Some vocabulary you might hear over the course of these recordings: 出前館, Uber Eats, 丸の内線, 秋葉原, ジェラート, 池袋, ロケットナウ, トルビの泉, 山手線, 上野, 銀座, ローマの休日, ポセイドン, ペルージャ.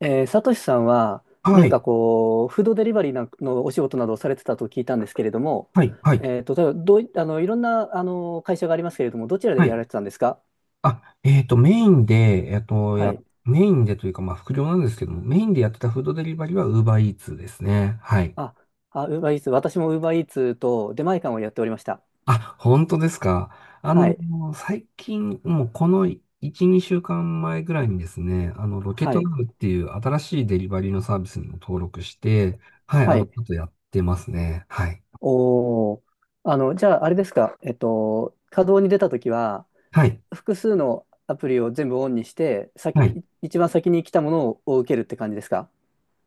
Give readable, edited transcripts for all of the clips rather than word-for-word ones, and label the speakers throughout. Speaker 1: サトシさんは
Speaker 2: は
Speaker 1: 何
Speaker 2: い、
Speaker 1: かこう、フードデリバリーなんのお仕事などをされてたと聞いたんですけれども、
Speaker 2: はい、はい、
Speaker 1: 例えばどうい、あの、いろんな、会社がありますけれども、どちらで
Speaker 2: は
Speaker 1: やら
Speaker 2: い。
Speaker 1: れてたんですか？
Speaker 2: あ、えっと、メインで、えっと、
Speaker 1: は
Speaker 2: や、
Speaker 1: い。
Speaker 2: メインでというか、まあ、副業なんですけども、メインでやってたフードデリバリーは Uber Eats ですね。はい。
Speaker 1: あ、あ、ウーバーイーツ、私もウーバーイーツと出前館をやっておりました。
Speaker 2: あ、本当ですか。あ
Speaker 1: は
Speaker 2: の、
Speaker 1: い。
Speaker 2: 最近、もうこの1、2週間前ぐらいにですね、ロケッ
Speaker 1: は
Speaker 2: ト
Speaker 1: い。
Speaker 2: ナウっていう新しいデリバリーのサービスにも登録して、はい、
Speaker 1: は
Speaker 2: ち
Speaker 1: い。
Speaker 2: ょっとやってますね。はい。
Speaker 1: おー。じゃあ、あれですか、稼働に出たときは、
Speaker 2: はい、
Speaker 1: 複数のアプリを全部オンにして、
Speaker 2: はい。
Speaker 1: 一番先に来たものを受けるって感じですか？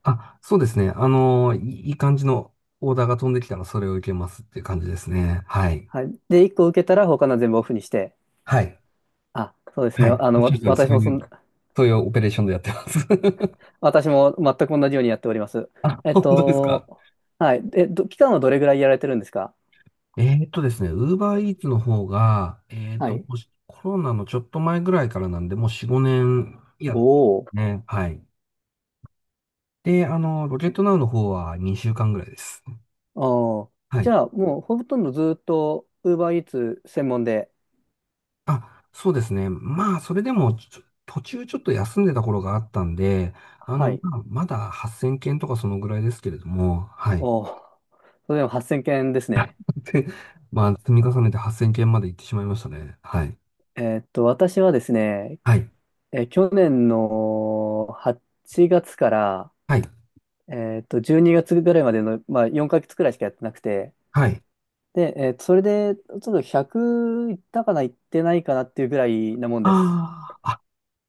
Speaker 2: あ、そうですね。あの、いい感じのオーダーが飛んできたらそれを受けますっていう感じですね。はい。
Speaker 1: はい。で、1個受けたら他の全部オフにして。
Speaker 2: はい。
Speaker 1: あ、そうです
Speaker 2: は
Speaker 1: ね。
Speaker 2: い。
Speaker 1: あ
Speaker 2: お
Speaker 1: の、
Speaker 2: っしゃる
Speaker 1: わ
Speaker 2: 通り、
Speaker 1: 私もそん、
Speaker 2: そういうオペレーションでやってます。
Speaker 1: 私も全く同じようにやっております。
Speaker 2: あ、
Speaker 1: えっ
Speaker 2: 本当ですか。
Speaker 1: と、はい。期間はどれぐらいやられてるんですか？
Speaker 2: ですね、ウーバーイーツの方が、えーっ
Speaker 1: は
Speaker 2: と、も
Speaker 1: い。
Speaker 2: うしコロナのちょっと前ぐらいからなんで、もう4、5年や
Speaker 1: お
Speaker 2: って
Speaker 1: お。
Speaker 2: ますね。はい。で、あの、ロケットナウの方は2週間ぐらいです。
Speaker 1: おー、
Speaker 2: は
Speaker 1: じ
Speaker 2: い。
Speaker 1: ゃあ、もうほとんどずっと Uber Eats 専門で、
Speaker 2: あ、そうですね。まあ、それでも、途中ちょっと休んでた頃があったんで、あ
Speaker 1: は
Speaker 2: の、
Speaker 1: い。
Speaker 2: まあ、まだ8000件とかそのぐらいですけれども、はい。
Speaker 1: おー、それでも8000件ですね。
Speaker 2: で、まあ、積み重ねて8000件まで行ってしまいましたね。はい。
Speaker 1: 私はですね、
Speaker 2: はい。
Speaker 1: 去年の8月から、
Speaker 2: はい。
Speaker 1: 12月ぐらいまでの、まあ、4ヶ月くらいしかやってなくて、
Speaker 2: はい。
Speaker 1: で、それで、ちょっと100いったかな、いってないかなっていうぐらいなもんです。
Speaker 2: ああ、あ、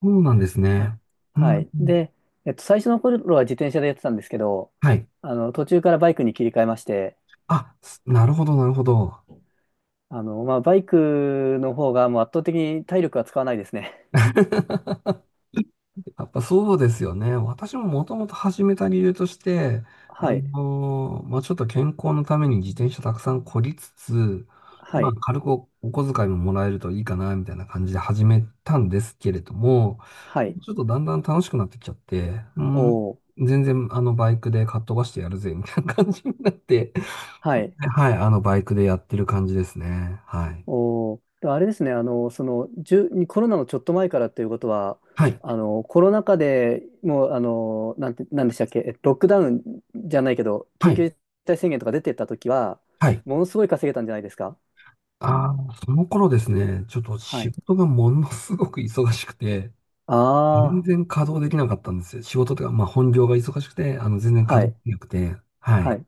Speaker 2: そうなんです
Speaker 1: はい。
Speaker 2: ね。うん。
Speaker 1: はい。
Speaker 2: うん。
Speaker 1: で、最初の頃は自転車でやってたんですけど、
Speaker 2: はい。
Speaker 1: 途中からバイクに切り替えまして、
Speaker 2: あ、なるほど、なるほど。
Speaker 1: まあ、バイクの方がもう圧倒的に体力は使わないですね。
Speaker 2: やっぱそうですよね。私ももともと始めた理由として、
Speaker 1: はい。
Speaker 2: まあ、ちょっと健康のために自転車たくさんこりつつ、
Speaker 1: は
Speaker 2: まあ、
Speaker 1: い。
Speaker 2: 軽くお小遣いももらえるといいかな、みたいな感じで始めたんですけれども、
Speaker 1: はい。
Speaker 2: ちょっとだんだん楽しくなってきちゃって、うん、
Speaker 1: おー。
Speaker 2: 全然あのバイクでかっ飛ばしてやるぜ、みたいな感じになって、
Speaker 1: はい。
Speaker 2: はい、あのバイクでやってる感じですね。はい。
Speaker 1: おー、でもあれですね、コロナのちょっと前からっていうことは、
Speaker 2: はい。
Speaker 1: コロナ禍でもう、なんて、なんでしたっけ、ロックダウンじゃないけど、
Speaker 2: は
Speaker 1: 緊
Speaker 2: い。
Speaker 1: 急事態宣言とか出てった時は、
Speaker 2: はい。
Speaker 1: ものすごい稼げたんじゃないですか？
Speaker 2: ああ、その頃ですね、ちょっと
Speaker 1: は
Speaker 2: 仕
Speaker 1: い。
Speaker 2: 事がものすごく忙しくて、全
Speaker 1: あ
Speaker 2: 然稼働できなかったんですよ。仕事というか、まあ本業が忙しくて、あの、全然
Speaker 1: あ、
Speaker 2: 稼
Speaker 1: はい、
Speaker 2: 働できなくて、は
Speaker 1: は
Speaker 2: い。
Speaker 1: い。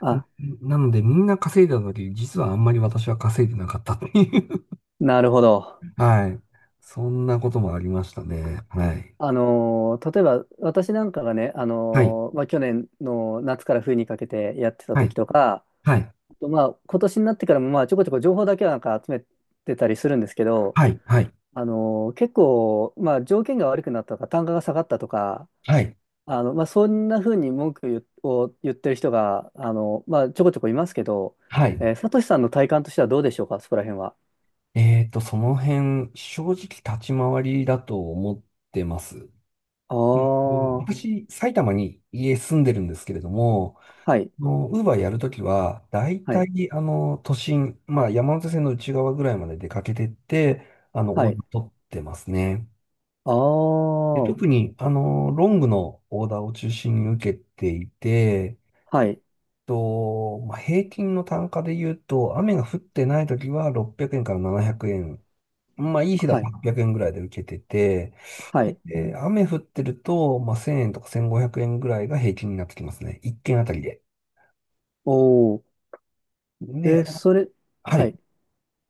Speaker 1: あ、
Speaker 2: んなので、みんな稼いだ時、実はあんまり私は稼いでなかったっていう
Speaker 1: なるほど。
Speaker 2: はい。そんなこともありましたね。はい。
Speaker 1: 例えば、私なんかがね、
Speaker 2: はい。
Speaker 1: まあ、去年の夏から冬にかけてやってた
Speaker 2: は
Speaker 1: 時
Speaker 2: い。
Speaker 1: とか、
Speaker 2: はい。
Speaker 1: あとまあ、今年になってからも、まあ、ちょこちょこ情報だけはなんか集めてたりするんですけど、
Speaker 2: はい。はい。
Speaker 1: 結構、まあ、条件が悪くなったとか、単価が下がったとか、
Speaker 2: はい。
Speaker 1: まあ、そんなふうに文句言を言ってる人が、まあ、ちょこちょこいますけど、
Speaker 2: はい。
Speaker 1: サトシさんの体感としてはどうでしょうか、そこら辺は。
Speaker 2: その辺、正直立ち回りだと思ってます。
Speaker 1: ああ、
Speaker 2: うん。うん。
Speaker 1: は
Speaker 2: 私、埼玉に家住んでるんですけれども、
Speaker 1: い、
Speaker 2: ウーバーやるときは、だい
Speaker 1: は
Speaker 2: た
Speaker 1: い、
Speaker 2: い、あの、都心、まあ、山手線の内側ぐらいまで出かけてって、あの、
Speaker 1: は
Speaker 2: オー
Speaker 1: い。
Speaker 2: ダー取ってますね。
Speaker 1: あ
Speaker 2: で、
Speaker 1: あ、は
Speaker 2: 特に、あの、ロングのオーダーを中心に受けていて、
Speaker 1: い、
Speaker 2: と、まあ、平均の単価で言うと、雨が降ってないときは600円から700円、まあ、いい日だ
Speaker 1: は
Speaker 2: と
Speaker 1: い、
Speaker 2: 800円ぐらいで受けてて、
Speaker 1: はい。
Speaker 2: で、えー雨降ってると、まあ、1000円とか1500円ぐらいが平均になってきますね。1件あたりで。
Speaker 1: おお。
Speaker 2: で、
Speaker 1: えー
Speaker 2: あ、
Speaker 1: それ、
Speaker 2: は
Speaker 1: は
Speaker 2: い。
Speaker 1: い。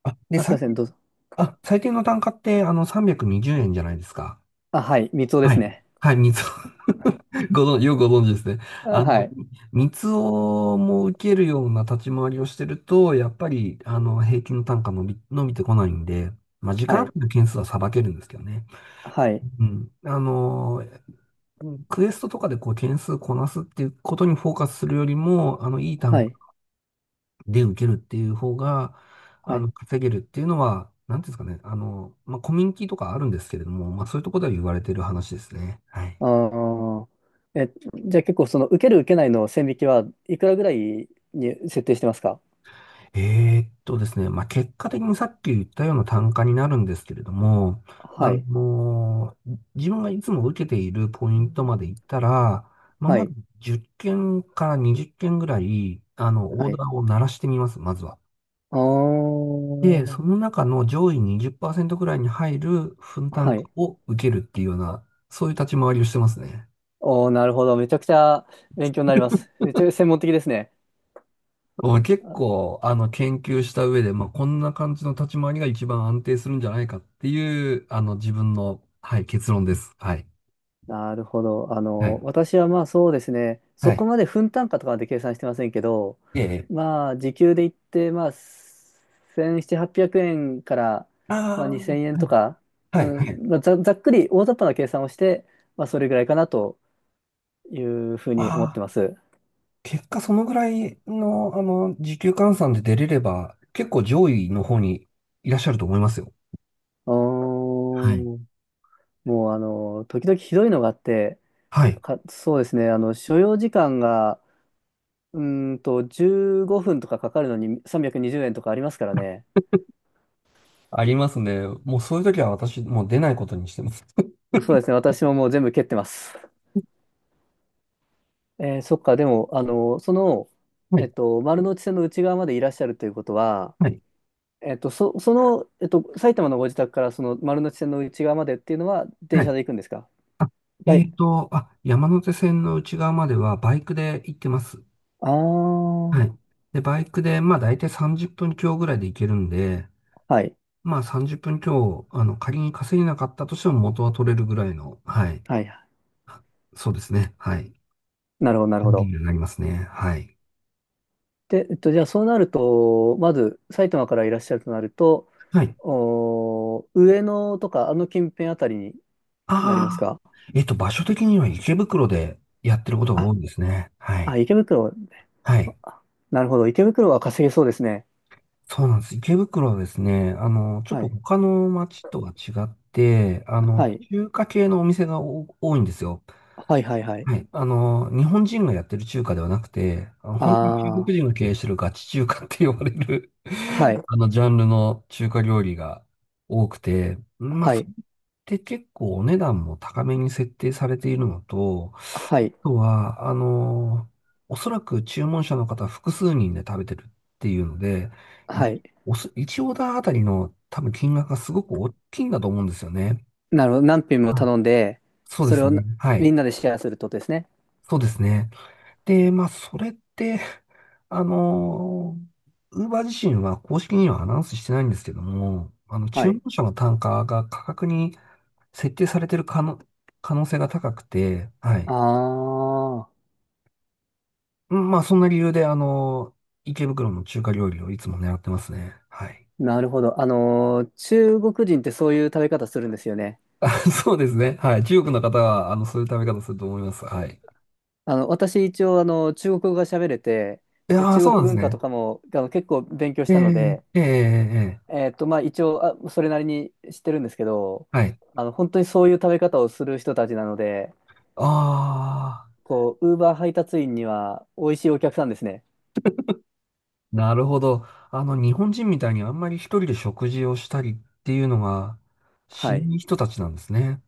Speaker 2: あ、で、
Speaker 1: あ、すい
Speaker 2: 最
Speaker 1: ません、
Speaker 2: 低、
Speaker 1: どうぞ。
Speaker 2: あ、最低の単価って、あの、320円じゅうえんじゃないですか。
Speaker 1: あ、はい、三つおで
Speaker 2: は
Speaker 1: す
Speaker 2: い。
Speaker 1: ね。
Speaker 2: はい、三つお。 ご存知、よくご存知ですね。
Speaker 1: あ、
Speaker 2: あの、
Speaker 1: はい、
Speaker 2: 三つおも受けるような立ち回りをしてると、やっぱり、あの、平均の単価伸びてこないんで、まあ、時
Speaker 1: は
Speaker 2: 間あ
Speaker 1: い、
Speaker 2: る件数はさばけるんですけどね。
Speaker 1: はい、
Speaker 2: うん。あの、うん、クエストとかでこう件数こなすっていうことにフォーカスするよりも、あの、いい
Speaker 1: は
Speaker 2: 単価
Speaker 1: い、
Speaker 2: で受けるっていう方が、
Speaker 1: は
Speaker 2: あ
Speaker 1: い。
Speaker 2: の、稼げるっていうのは、なんていうんですかね、あの、まあ、コミュニティとかあるんですけれども、まあ、そういうところでは言われてる話ですね。はい。
Speaker 1: ああ。え、じゃあ結構その受ける受けないの線引きはいくらぐらいに設定してますか？
Speaker 2: ですね、まあ、結果的にさっき言ったような単価になるんですけれども、あ
Speaker 1: はい。
Speaker 2: の、自分がいつも受けているポイントまで行ったら、まあ、
Speaker 1: は
Speaker 2: まず
Speaker 1: い。
Speaker 2: 10件から20件ぐらい、あの、オ
Speaker 1: は
Speaker 2: ー
Speaker 1: い。
Speaker 2: ダーを鳴らしてみます、まずは。
Speaker 1: ああ。
Speaker 2: で、その中の上位20%くらいに入る分担
Speaker 1: はい。
Speaker 2: を受けるっていうような、そういう立ち回りをしてますね。
Speaker 1: おー、なるほど。めちゃくちゃ勉強になります。めっちゃ専門的ですね。
Speaker 2: ま結構、あの、研究した上で、まあ、こんな感じの立ち回りが一番安定するんじゃないかっていう、あの、自分の、はい、結論です。はい。
Speaker 1: なるほど。
Speaker 2: はい。
Speaker 1: 私はまあそうですね、
Speaker 2: は
Speaker 1: そ
Speaker 2: い。
Speaker 1: こまで分単価とかまで計算してませんけど、
Speaker 2: ええ。
Speaker 1: まあ時給で言って、まあ1700、800円から、まあ、
Speaker 2: ああ、
Speaker 1: 2000円
Speaker 2: は
Speaker 1: と
Speaker 2: い。
Speaker 1: か、
Speaker 2: はい。
Speaker 1: う
Speaker 2: は
Speaker 1: ん、
Speaker 2: い。
Speaker 1: まあ、ざっくり大雑把な計算をして、まあそれぐらいかなというふうに思って
Speaker 2: ああ、
Speaker 1: ます。
Speaker 2: 結果そのぐらいの、あの、時給換算で出れれば、結構上位の方にいらっしゃると思いますよ。
Speaker 1: お
Speaker 2: はい。
Speaker 1: ー、もう時々ひどいのがあって、
Speaker 2: はい。
Speaker 1: そうですね、所要時間が、15分とかかかるのに320円とかありますからね。
Speaker 2: ありますね。もうそういう時は私、もう出ないことにしてます。
Speaker 1: そうですね。私ももう全部蹴ってます。そっか。でも、
Speaker 2: はい。
Speaker 1: 丸の内線の内側までいらっしゃるということは、
Speaker 2: はい。
Speaker 1: 埼玉のご自宅からその丸の内線の内側までっていうのは
Speaker 2: は
Speaker 1: 電車
Speaker 2: い。
Speaker 1: で行くんですか？は
Speaker 2: え
Speaker 1: い。
Speaker 2: っと、あ、山手線の内側まではバイクで行ってます。
Speaker 1: あ
Speaker 2: は
Speaker 1: あ、
Speaker 2: い。で、バイクで、まあ大体30分強ぐらいで行けるんで、
Speaker 1: はい。
Speaker 2: まあ30分強、あの、仮に稼げなかったとしても元は取れるぐらいの、はい。
Speaker 1: はい。
Speaker 2: あ、そうですね。はい。
Speaker 1: なるほど、なるほ
Speaker 2: リー
Speaker 1: ど。
Speaker 2: ルになりますね。はい。
Speaker 1: で、じゃあそうなると、まず埼玉からいらっしゃるとなると、
Speaker 2: はい。
Speaker 1: おー、上野とかあの近辺あたりになります
Speaker 2: ああ。
Speaker 1: か？
Speaker 2: えっと、場所的には池袋でやってることが多
Speaker 1: あ、
Speaker 2: いですね。は
Speaker 1: あ、
Speaker 2: い。
Speaker 1: 池袋、
Speaker 2: はい。
Speaker 1: あ、なるほど。池袋は稼げそうですね。
Speaker 2: そうなんです。池袋はですね、あの、ちょっ
Speaker 1: は
Speaker 2: と
Speaker 1: い。
Speaker 2: 他の街とは違って、あの、
Speaker 1: はい。
Speaker 2: 中華系のお店が多いんですよ。
Speaker 1: はいはいはい。
Speaker 2: はい。あの、日本人がやってる中華ではなくて、あ、本当に中
Speaker 1: あ
Speaker 2: 国人が経営してるガチ中華って呼ばれる
Speaker 1: あ、は い。
Speaker 2: あの、ジャンルの中華料理が多くて、まあ、
Speaker 1: は
Speaker 2: そ
Speaker 1: い。
Speaker 2: れって結構お値段も高めに設定されているのと、あ
Speaker 1: はい。
Speaker 2: とは、あの、おそらく注文者の方複数人で食べてるっていうので、い
Speaker 1: はい。
Speaker 2: おそ、1オーダーあたりの多分金額がすごく大きいんだと思うんですよね。
Speaker 1: なるほど。何品も
Speaker 2: はい、
Speaker 1: 頼んで、
Speaker 2: そうで
Speaker 1: それ
Speaker 2: す
Speaker 1: を
Speaker 2: ね。
Speaker 1: な
Speaker 2: はい。
Speaker 1: みんなでシェアするってことですね。
Speaker 2: そうですね。で、まあ、それって、あの、ウーバー自身は公式にはアナウンスしてないんですけども、あの、
Speaker 1: は
Speaker 2: 注文
Speaker 1: い。
Speaker 2: 者の単価が価格に設定されてる可能性が高くて、はい。
Speaker 1: ああ、
Speaker 2: うん、まあ、そんな理由で、あの、池袋の中華料理をいつも狙ってますね。はい。
Speaker 1: なるほど。中国人ってそういう食べ方するんですよね。
Speaker 2: あ、そうですね。はい。中国の方は、あの、そういう食べ方すると思います。はい。
Speaker 1: 私一応、中国語が喋れて、
Speaker 2: い
Speaker 1: で、
Speaker 2: やー、そ
Speaker 1: 中
Speaker 2: うなん
Speaker 1: 国
Speaker 2: です
Speaker 1: 文化と
Speaker 2: ね。
Speaker 1: かも、結構勉強し
Speaker 2: え
Speaker 1: たの
Speaker 2: え
Speaker 1: で、
Speaker 2: ええええええ。
Speaker 1: まあ、一応、それなりに知ってるんですけど、
Speaker 2: はい。
Speaker 1: 本当にそういう食べ方をする人たちなので、
Speaker 2: ああ。
Speaker 1: こう、ウーバー配達員には美味しいお客さんですね。
Speaker 2: なるほど。あの、日本人みたいにあんまり一人で食事をしたりっていうのがし
Speaker 1: はい。
Speaker 2: ない人たちなんですね。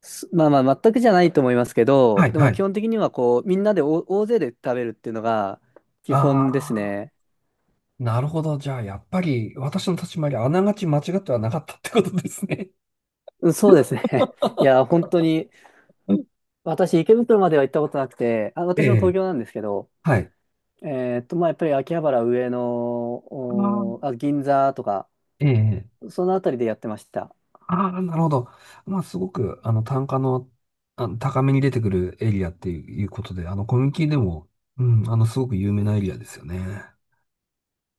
Speaker 1: まあまあ、全くじゃないと思いますけ
Speaker 2: は
Speaker 1: ど、
Speaker 2: い、
Speaker 1: で
Speaker 2: は
Speaker 1: も基
Speaker 2: い。
Speaker 1: 本的にはこう、みんなで大勢で食べるっていうのが基
Speaker 2: あ
Speaker 1: 本です
Speaker 2: あ、
Speaker 1: ね。
Speaker 2: なるほど。じゃあ、やっぱり私の立ち回り、あながち間違ってはなかったってことですね。
Speaker 1: うん、そうですね。いや、本当に、
Speaker 2: うん。
Speaker 1: 私、池袋までは行ったことなくて、あ、
Speaker 2: え
Speaker 1: 私も
Speaker 2: え、
Speaker 1: 東京なんですけど、
Speaker 2: はい。
Speaker 1: まあ、やっぱり秋葉原、上野、
Speaker 2: あー、
Speaker 1: おーあ、銀座とか、
Speaker 2: ええ、
Speaker 1: そのあたりでやってました。
Speaker 2: ああ、なるほど。まあ、すごく、あの、単価の、あの、高めに出てくるエリアっていうことで、あの、コミュニティでも、うん、あの、すごく有名なエリアですよね。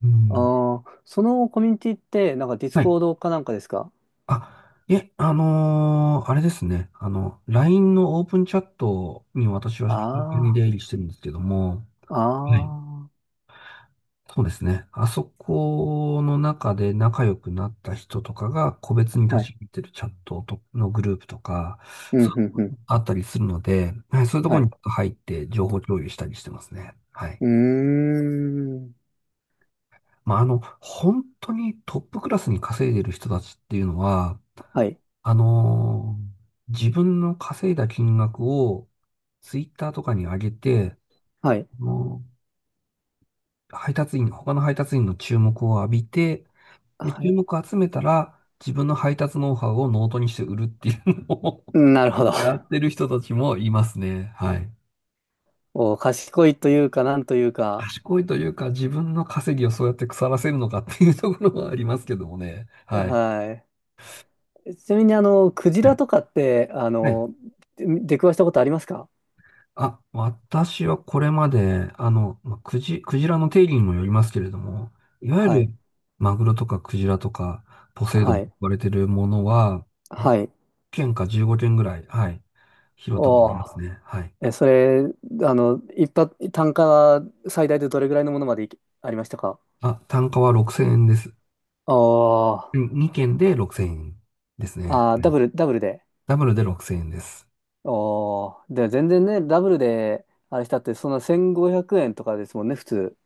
Speaker 2: う
Speaker 1: あ
Speaker 2: ん。
Speaker 1: そのコミュニティって、なんかディス
Speaker 2: はい。
Speaker 1: コードかなんかですか？
Speaker 2: あ、いえ、あのーあれですね。あの、LINE のオープンチャットに私は頻繁に
Speaker 1: あ
Speaker 2: 出入りしてるんですけども、
Speaker 1: あ
Speaker 2: はい。
Speaker 1: ー、ああ
Speaker 2: そうですね。あそこの中で仲良くなった人とかが個別に立ち入
Speaker 1: ー。
Speaker 2: ってるチャットとのグループとか、
Speaker 1: うん、
Speaker 2: そ
Speaker 1: うん、
Speaker 2: う、
Speaker 1: うん。
Speaker 2: あったりするので、はい、そういうとこ
Speaker 1: はい。
Speaker 2: ろ
Speaker 1: う
Speaker 2: に入って情報共有したりしてますね。はい。
Speaker 1: ーん。
Speaker 2: まあ、あの、本当にトップクラスに稼いでる人たちっていうのは、
Speaker 1: はい。
Speaker 2: あのー自分の稼いだ金額をツイッターとかに上げて、
Speaker 1: はい。
Speaker 2: もう配達員、他の配達員の注目を浴びて、で、
Speaker 1: は
Speaker 2: 注
Speaker 1: い。
Speaker 2: 目を集めたら自分の配達ノウハウをノートにして売るっていうのを
Speaker 1: なるほど。
Speaker 2: やっ てる人たちもいますね。はい。
Speaker 1: お、賢いというか、なんというか。
Speaker 2: 賢いというか自分の稼ぎをそうやって腐らせるのかっていうところはありますけどもね。はい。
Speaker 1: はい。ちなみに、クジ
Speaker 2: は
Speaker 1: ラ
Speaker 2: い。
Speaker 1: とかって、
Speaker 2: はい。
Speaker 1: 出くわしたことありますか？
Speaker 2: あ、私はこれまで、あの、まあ、クジラの定義にもよりますけれども、いわゆ
Speaker 1: はい。
Speaker 2: るマグロとかクジラとかポセイド
Speaker 1: は
Speaker 2: ンと
Speaker 1: い。
Speaker 2: 呼ばれてるものは、1
Speaker 1: はい。
Speaker 2: 件か15件ぐらい、はい、拾ったことあり
Speaker 1: お
Speaker 2: ます
Speaker 1: ー。
Speaker 2: ね。はい。
Speaker 1: え、それ、あの、一発、単価は最大でどれぐらいのものまでいけありましたか？
Speaker 2: あ、単価は6000円です。
Speaker 1: おー
Speaker 2: 2件で6000円ですね。
Speaker 1: あ
Speaker 2: う
Speaker 1: ー、ダ
Speaker 2: ん。
Speaker 1: ブル、ダブルで。
Speaker 2: ダブルで6000円です。
Speaker 1: で、全然ね、ダブルで、あれしたって、その1500円とかですもんね、普通。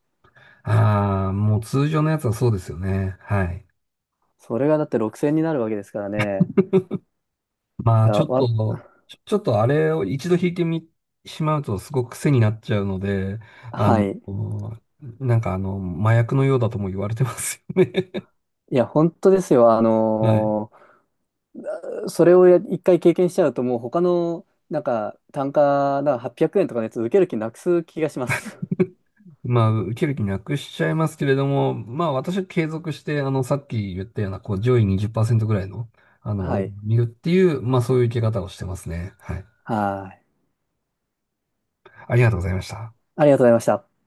Speaker 2: ああ、もう通常のやつはそうですよね。はい。
Speaker 1: それがだって6000円になるわけですからね。
Speaker 2: ま
Speaker 1: い
Speaker 2: あ、ち
Speaker 1: や、
Speaker 2: ょっと、ちょっとあれを一度弾いてみ、しまうとすごく癖になっちゃうので、あ
Speaker 1: はい。
Speaker 2: の、なんかあの、麻薬のようだとも言われてますよね。
Speaker 1: いや、本当ですよ。
Speaker 2: はい。
Speaker 1: それを一回経験しちゃうと、もう他の、なんか、なんか800円とかのやつ受ける気なくす気がします。
Speaker 2: まあ、受ける気なくしちゃいますけれども、まあ、私は継続して、あの、さっき言ったような、こう、上位20%ぐらいの、あの、
Speaker 1: は
Speaker 2: を
Speaker 1: い。
Speaker 2: 見るっていう、まあ、そういう受け方をしてますね。はい。
Speaker 1: はい。
Speaker 2: ありがとうございました。
Speaker 1: ありがとうございました。